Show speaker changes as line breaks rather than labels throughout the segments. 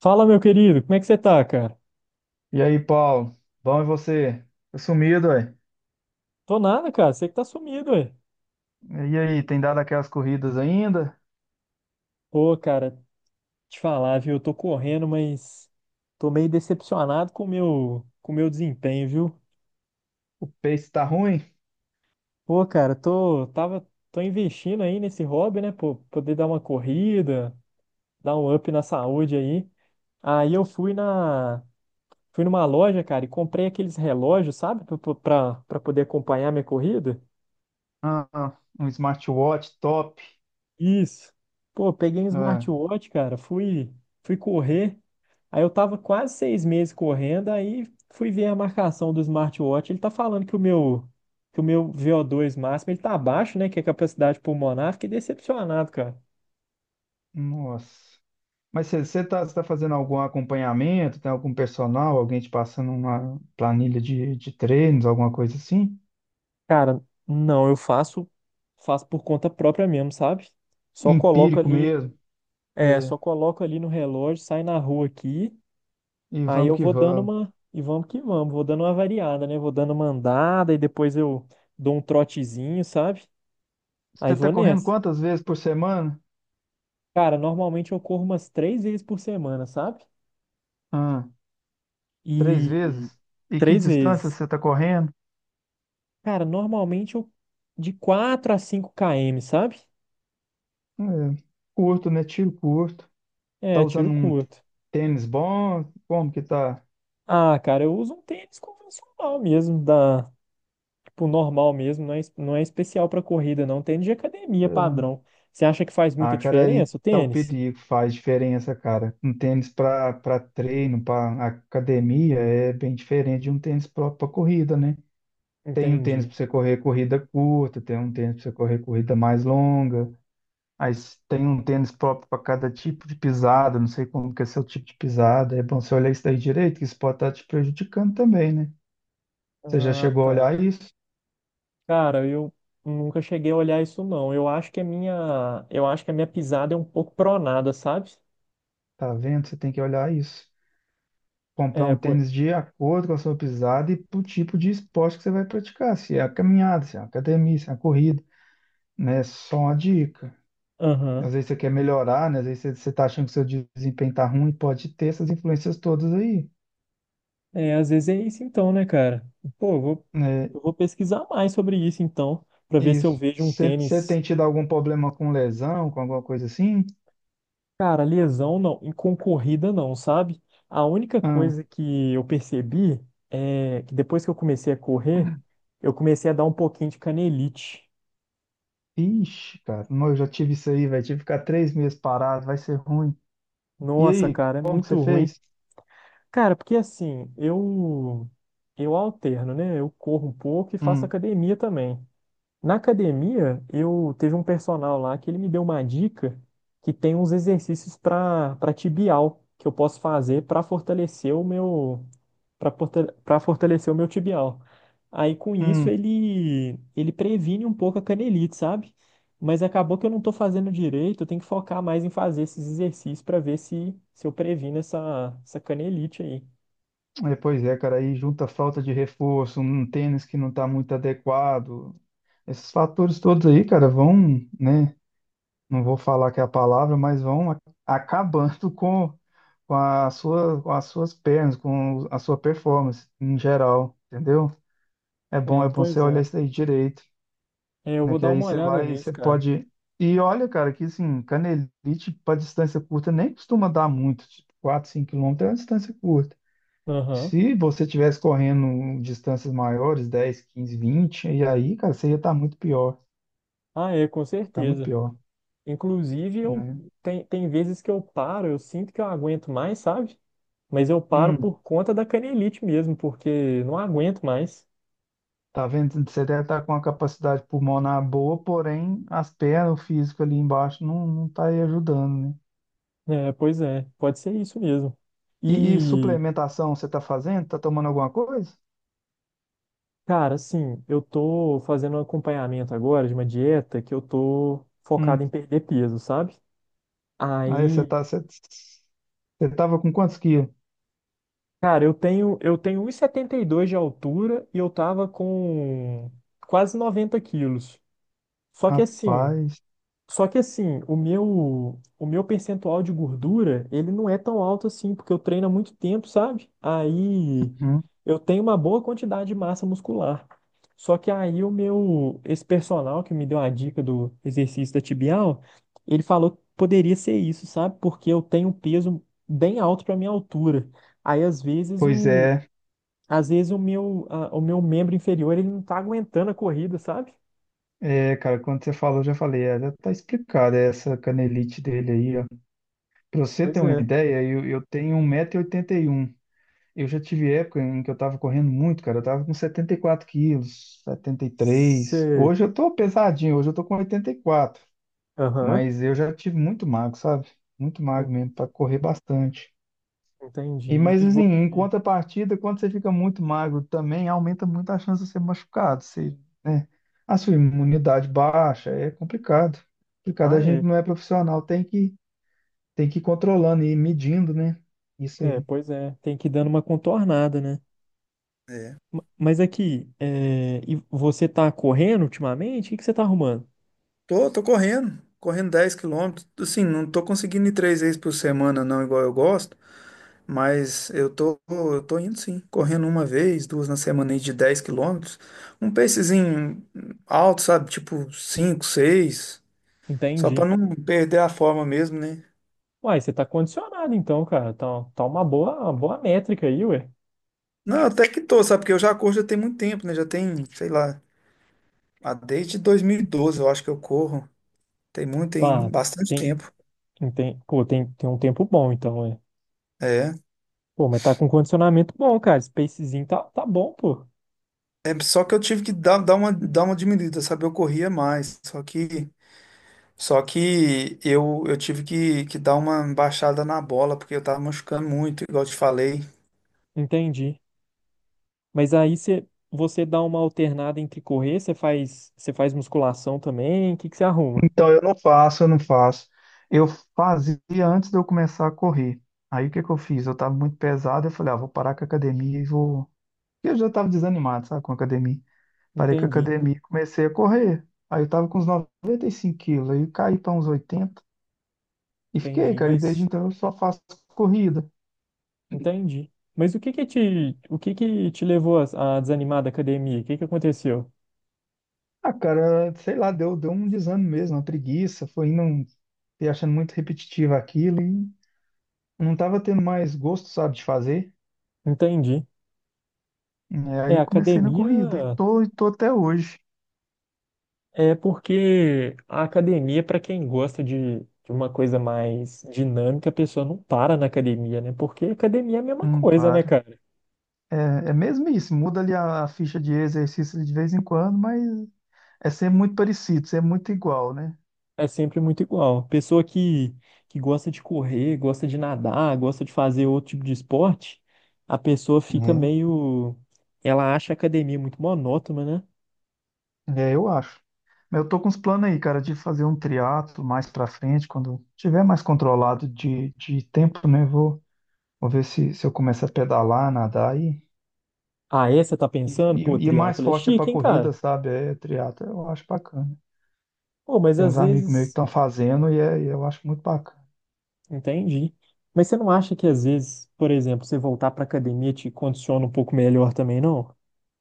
Fala, meu querido, como é que você tá, cara?
E aí, Paulo? Bom, e você? Tá sumido, ué.
Tô nada, cara, você que tá sumido, ué.
E aí, tem dado aquelas corridas ainda?
Pô, cara, te falar, viu? Eu tô correndo, mas tô meio decepcionado com o meu desempenho, viu?
O pace tá ruim?
Pô, cara, tô investindo aí nesse hobby, né? Pô, poder dar uma corrida, dar um up na saúde aí. Aí eu fui numa loja, cara, e comprei aqueles relógios, sabe? Pra poder acompanhar minha corrida.
Ah, um smartwatch top.
Isso. Pô, peguei um
Ah,
smartwatch, cara, fui correr. Aí eu tava quase 6 meses correndo, aí fui ver a marcação do smartwatch. Ele tá falando que o meu VO2 máximo ele tá abaixo, né? Que é a capacidade pulmonar. Fiquei decepcionado, cara.
nossa. Mas você tá fazendo algum acompanhamento? Tem algum personal? Alguém te passando uma planilha de treinos, alguma coisa assim?
Cara, não, eu faço por conta própria mesmo, sabe? Só coloco
Empírico
ali,
mesmo.
só
É,
coloco ali no relógio, sai na rua aqui,
e
aí
vamos
eu
que vamos.
e vamos que vamos, vou dando uma variada, né? Vou dando uma andada e depois eu dou um trotezinho, sabe? Aí
Você tá
vou
correndo
nessa.
quantas vezes por semana?
Cara, normalmente eu corro umas 3 vezes por semana, sabe?
Ah, três
E
vezes? E que
três
distância
vezes.
você tá correndo?
Cara, normalmente eu de 4 a 5 km, sabe?
É, curto, né? Tiro curto. Tá
É, tiro
usando um
curto.
tênis bom? Como que tá?
Ah, cara, eu uso um tênis convencional mesmo, da, tipo, normal mesmo, não é, não é especial pra corrida, não. Tênis de academia padrão. Você acha que faz
Ah,
muita
cara, aí
diferença o
tá o
tênis?
perigo, faz diferença, cara. Um tênis pra treino, pra academia, é bem diferente de um tênis próprio pra corrida, né? Tem um tênis
Entendi.
pra você correr corrida curta, tem um tênis pra você correr corrida mais longa. Aí tem um tênis próprio pra cada tipo de pisada, não sei como que é seu tipo de pisada. É bom você olhar isso daí direito, que isso pode estar te prejudicando também, né? Você já
Ah,
chegou a
tá.
olhar isso?
Cara, eu nunca cheguei a olhar isso, não. Eu acho que a minha pisada é um pouco pronada, sabe?
Tá vendo? Você tem que olhar isso. Comprar
É,
um tênis de acordo com a sua pisada e pro tipo de esporte que você vai praticar, se é a caminhada, se é a academia, se é a corrida, né? Só uma dica.
aham.
Às vezes você quer melhorar, né? Às vezes você tá achando que seu desempenho tá ruim, pode ter essas influências todas aí,
É, às vezes é isso então, né, cara? Pô,
né?
eu vou pesquisar mais sobre isso então, pra ver se eu
Isso.
vejo um
Você
tênis.
tem tido algum problema com lesão, com alguma coisa assim?
Cara, lesão não, em concorrida não, sabe? A única
Ah,
coisa que eu percebi é que depois que eu comecei a correr, eu comecei a dar um pouquinho de canelite.
ixi, cara, não, eu já tive isso aí, velho. Tive que ficar 3 meses parado, vai ser ruim. E
Nossa,
aí,
cara, é
como que você
muito ruim.
fez?
Cara, porque assim, eu alterno, né? Eu corro um pouco e faço
Hum,
academia também. Na academia, eu teve um personal lá que ele me deu uma dica que tem uns exercícios para tibial que eu posso fazer para para fortalecer o meu tibial. Aí com isso
hum.
ele previne um pouco a canelite, sabe? Mas acabou que eu não tô fazendo direito, eu tenho que focar mais em fazer esses exercícios para ver se eu previno essa canelite aí.
É, pois é, cara, aí junta a falta de reforço, um tênis que não está muito adequado. Esses fatores todos aí, cara, vão, né? Não vou falar que é a palavra, mas vão acabando com a sua, com as suas pernas, com a sua performance em geral, entendeu?
É,
É bom você
pois
olhar
é.
isso aí direito,
É, eu
né?
vou
Que
dar
aí
uma
você
olhada
vai,
nisso,
você
cara.
pode. E olha, cara, que assim, canelite para distância curta nem costuma dar muito, tipo 4, 5 quilômetros é uma distância curta.
Aham.
Se você tivesse correndo distâncias maiores, 10, 15, 20 e aí, cara, você ia estar muito pior,
Ah, é, com
tá muito
certeza.
pior,
Inclusive,
né?
tem vezes que eu paro, eu sinto que eu aguento mais, sabe? Mas eu paro
Hum,
por conta da canelite mesmo, porque não aguento mais.
tá vendo? Você deve estar com uma capacidade pulmonar boa, porém as pernas, o físico ali embaixo não, não tá aí ajudando, né?
É, pois é, pode ser isso mesmo.
E
E,
suplementação você tá fazendo? Tá tomando alguma coisa?
cara, assim, eu tô fazendo um acompanhamento agora de uma dieta que eu tô
Hum,
focado em perder peso, sabe?
aí
Aí,
você tava com quantos quilos?
cara, eu tenho 1,72 de altura e eu tava com quase 90 quilos. Só que assim,
Rapaz,
Só que assim, o meu percentual de gordura, ele não é tão alto assim, porque eu treino há muito tempo, sabe? Aí
hum,
eu tenho uma boa quantidade de massa muscular. Só que aí esse personal que me deu a dica do exercício da tibial, ele falou que poderia ser isso, sabe? Porque eu tenho um peso bem alto para minha altura. Aí
pois é,
às vezes o meu, a- o meu membro inferior, ele não tá aguentando a corrida, sabe?
cara, quando você falou, eu já falei, é, já tá explicado essa canelite dele aí. Para você ter
Pois
uma
é.
ideia, eu tenho 1,81 m. Eu já tive época em que eu estava correndo muito, cara. Eu estava com 74 quilos, 73.
Sei.
Hoje eu estou pesadinho, hoje eu estou com 84.
Aham.
Mas eu já tive muito magro, sabe? Muito magro mesmo, para correr bastante.
Entendi.
E mas
E
assim, em
você?
contrapartida, quando você fica muito magro também, aumenta muito a chance de ser machucado. Você, né? A sua imunidade baixa, é complicado. Complicado,
Ah,
a gente
é.
não é profissional, tem que ir controlando e medindo, né? Isso
É,
aí.
pois é. Tem que ir dando uma contornada, né?
É.
Mas aqui, é, e você tá correndo ultimamente? O que que você tá arrumando?
Tô correndo, 10 quilômetros. Assim, não tô conseguindo ir três vezes por semana, não, igual eu gosto, mas eu tô indo sim, correndo uma vez, duas na semana aí de 10 quilômetros. Um pacezinho alto, sabe? Tipo 5, 6, só pra
Entendi.
não perder a forma mesmo, né?
Uai, você tá condicionado então, cara. Tá, uma boa métrica aí, ué.
Não, até que tô, sabe? Porque eu já corro já tem muito tempo, né? Já tem, sei lá, ah, desde 2012, eu acho que eu corro. Tem muito, tem
Pá,
bastante
tem,
tempo.
pô, tem um tempo bom então, ué.
É.
Pô, mas tá com condicionamento bom, cara. Spacezinho tá bom, pô.
É, só que eu tive que dar, dar uma diminuída, sabe? Eu corria mais, só que eu tive que dar uma baixada na bola, porque eu tava machucando muito, igual eu te falei.
Entendi. Mas aí você dá uma alternada entre correr, você faz musculação também. O que que você arruma?
Então eu não faço, eu não faço. Eu fazia antes de eu começar a correr. Aí o que que eu fiz? Eu tava muito pesado, eu falei, ah, vou parar com a academia e vou. Eu já tava desanimado, sabe, com a academia. Parei com a
Entendi.
academia e comecei a correr. Aí eu tava com uns 95 quilos, aí eu caí para uns 80 e fiquei,
Entendi,
cara. E desde
mas
então eu só faço corrida.
entendi. Mas o que que te levou a desanimar da academia? O que que aconteceu?
Ah, cara, sei lá, deu um desânimo mesmo, uma preguiça, foi indo e achando muito repetitivo aquilo e não tava tendo mais gosto, sabe, de fazer.
Entendi.
É, aí
É,
eu comecei na corrida e tô até hoje.
a academia, para quem gosta de uma coisa mais dinâmica, a pessoa não para na academia, né? Porque academia é a mesma
Não
coisa, né,
para.
cara?
É, é mesmo isso, muda ali a ficha de exercício de vez em quando, mas é sempre muito parecido, sempre muito igual, né?
É sempre muito igual. Pessoa que gosta de correr, gosta de nadar, gosta de fazer outro tipo de esporte, a pessoa fica
É,
meio. Ela acha a academia muito monótona, né?
eu acho. Mas eu tô com uns planos aí, cara, de fazer um triatlo mais pra frente, quando tiver mais controlado de tempo, né? Vou ver se eu começo a pedalar, nadar e,
Ah, é? Você tá
e,
pensando? Pô,
e e é mais
triatlo é
forte é
chique,
para
hein,
corrida,
cara?
sabe? É triatlo, eu acho bacana.
Pô, mas
Tem
às
uns amigos meus que
vezes.
estão fazendo e, e eu acho muito bacana.
Entendi. Mas você não acha que às vezes, por exemplo, você voltar pra academia te condiciona um pouco melhor também, não?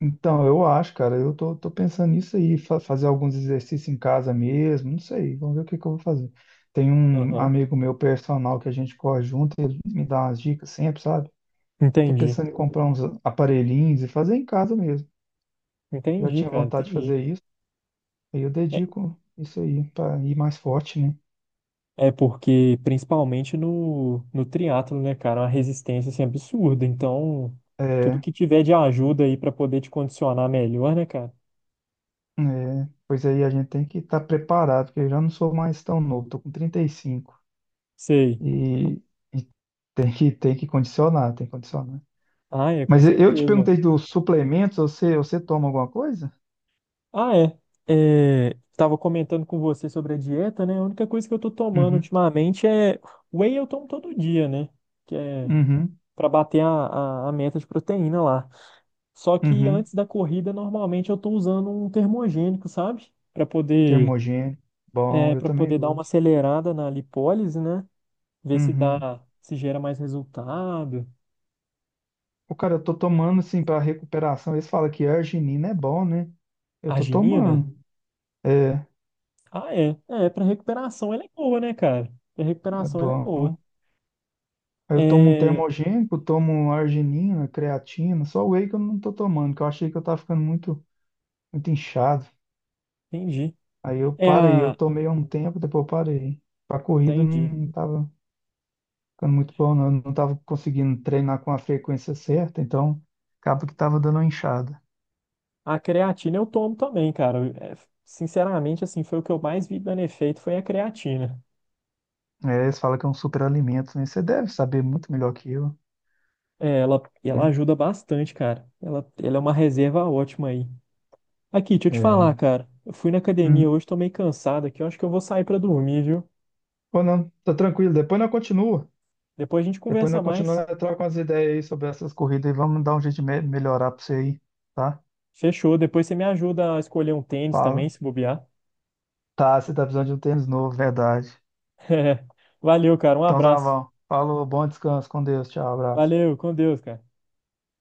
Então, eu acho, cara, eu tô pensando nisso aí, fazer alguns exercícios em casa mesmo, não sei, vamos ver o que que eu vou fazer. Tem um
Aham.
amigo meu personal que a gente corre junto, ele me dá umas dicas sempre, sabe? Tô
Entendi.
pensando em comprar uns aparelhinhos e fazer em casa mesmo. Já
Entendi,
tinha
cara,
vontade de
entendi.
fazer isso, aí eu
É,
dedico isso aí para ir mais forte, né?
é porque, principalmente no triatlo, né, cara, a resistência assim, é absurda. Então, tudo
É,
que tiver de ajuda aí pra poder te condicionar melhor, né, cara?
é, pois aí a gente tem que estar preparado, porque eu já não sou mais tão novo, tô com 35
Sei.
e, cinco e tem que condicionar, tem que condicionar.
Ah, é, com
Mas eu te
certeza.
perguntei dos suplementos, você toma alguma coisa?
Ah, é. É, tava comentando com você sobre a dieta, né? A única coisa que eu tô tomando
Uhum,
ultimamente é whey eu tomo todo dia, né? Que é
uhum,
pra bater a meta de proteína lá. Só que
uhum.
antes da corrida, normalmente eu tô usando um termogênico, sabe? Pra poder
Termogênico, bom,
é,
eu
para
também
poder dar uma
uso.
acelerada na lipólise, né? Ver se
Uhum.
dá, se gera mais resultado.
O cara, eu tô tomando assim para recuperação, eles falam que arginina é bom, né? Eu tô
Arginina?
tomando, é,
Ah, é. É, pra recuperação ela é boa, né, cara? Pra
é
recuperação ela é boa.
bom. Aí eu tomo um
É,
termogênico, tomo um arginina, creatina, só whey que eu não tô tomando, que eu achei que eu tava ficando muito, muito inchado.
entendi.
Aí eu
É
parei, eu
a
tomei há um tempo, depois eu parei. Pra corrida não
Entendi.
não tava ficando muito bom, não. Eu não tava conseguindo treinar com a frequência certa, então acaba que tava dando uma inchada.
A creatina eu tomo também, cara. É, sinceramente, assim, foi o que eu mais vi dando efeito foi a creatina.
É, eles falam que é um superalimento, né? Você deve saber muito melhor que eu,
É, ela
né?
ajuda bastante, cara. Ela é uma reserva ótima aí. Aqui, deixa eu te falar,
É.
cara. Eu fui na academia
Hum.
hoje, tô meio cansado aqui. Eu acho que eu vou sair pra dormir, viu?
Ou não, tá tranquilo, depois nós continua.
Depois a gente
Depois
conversa
nós
mais.
continuamos, nós troca umas ideias aí sobre essas corridas e vamos dar um jeito de melhorar pra você aí. Tá?
Fechou. Depois você me ajuda a escolher um tênis também,
Fala.
se bobear.
Tá, você tá precisando de um tênis novo, verdade.
Valeu, cara. Um
Então tá
abraço.
bom. Falou, bom descanso, com Deus, tchau, abraço.
Valeu, com Deus, cara.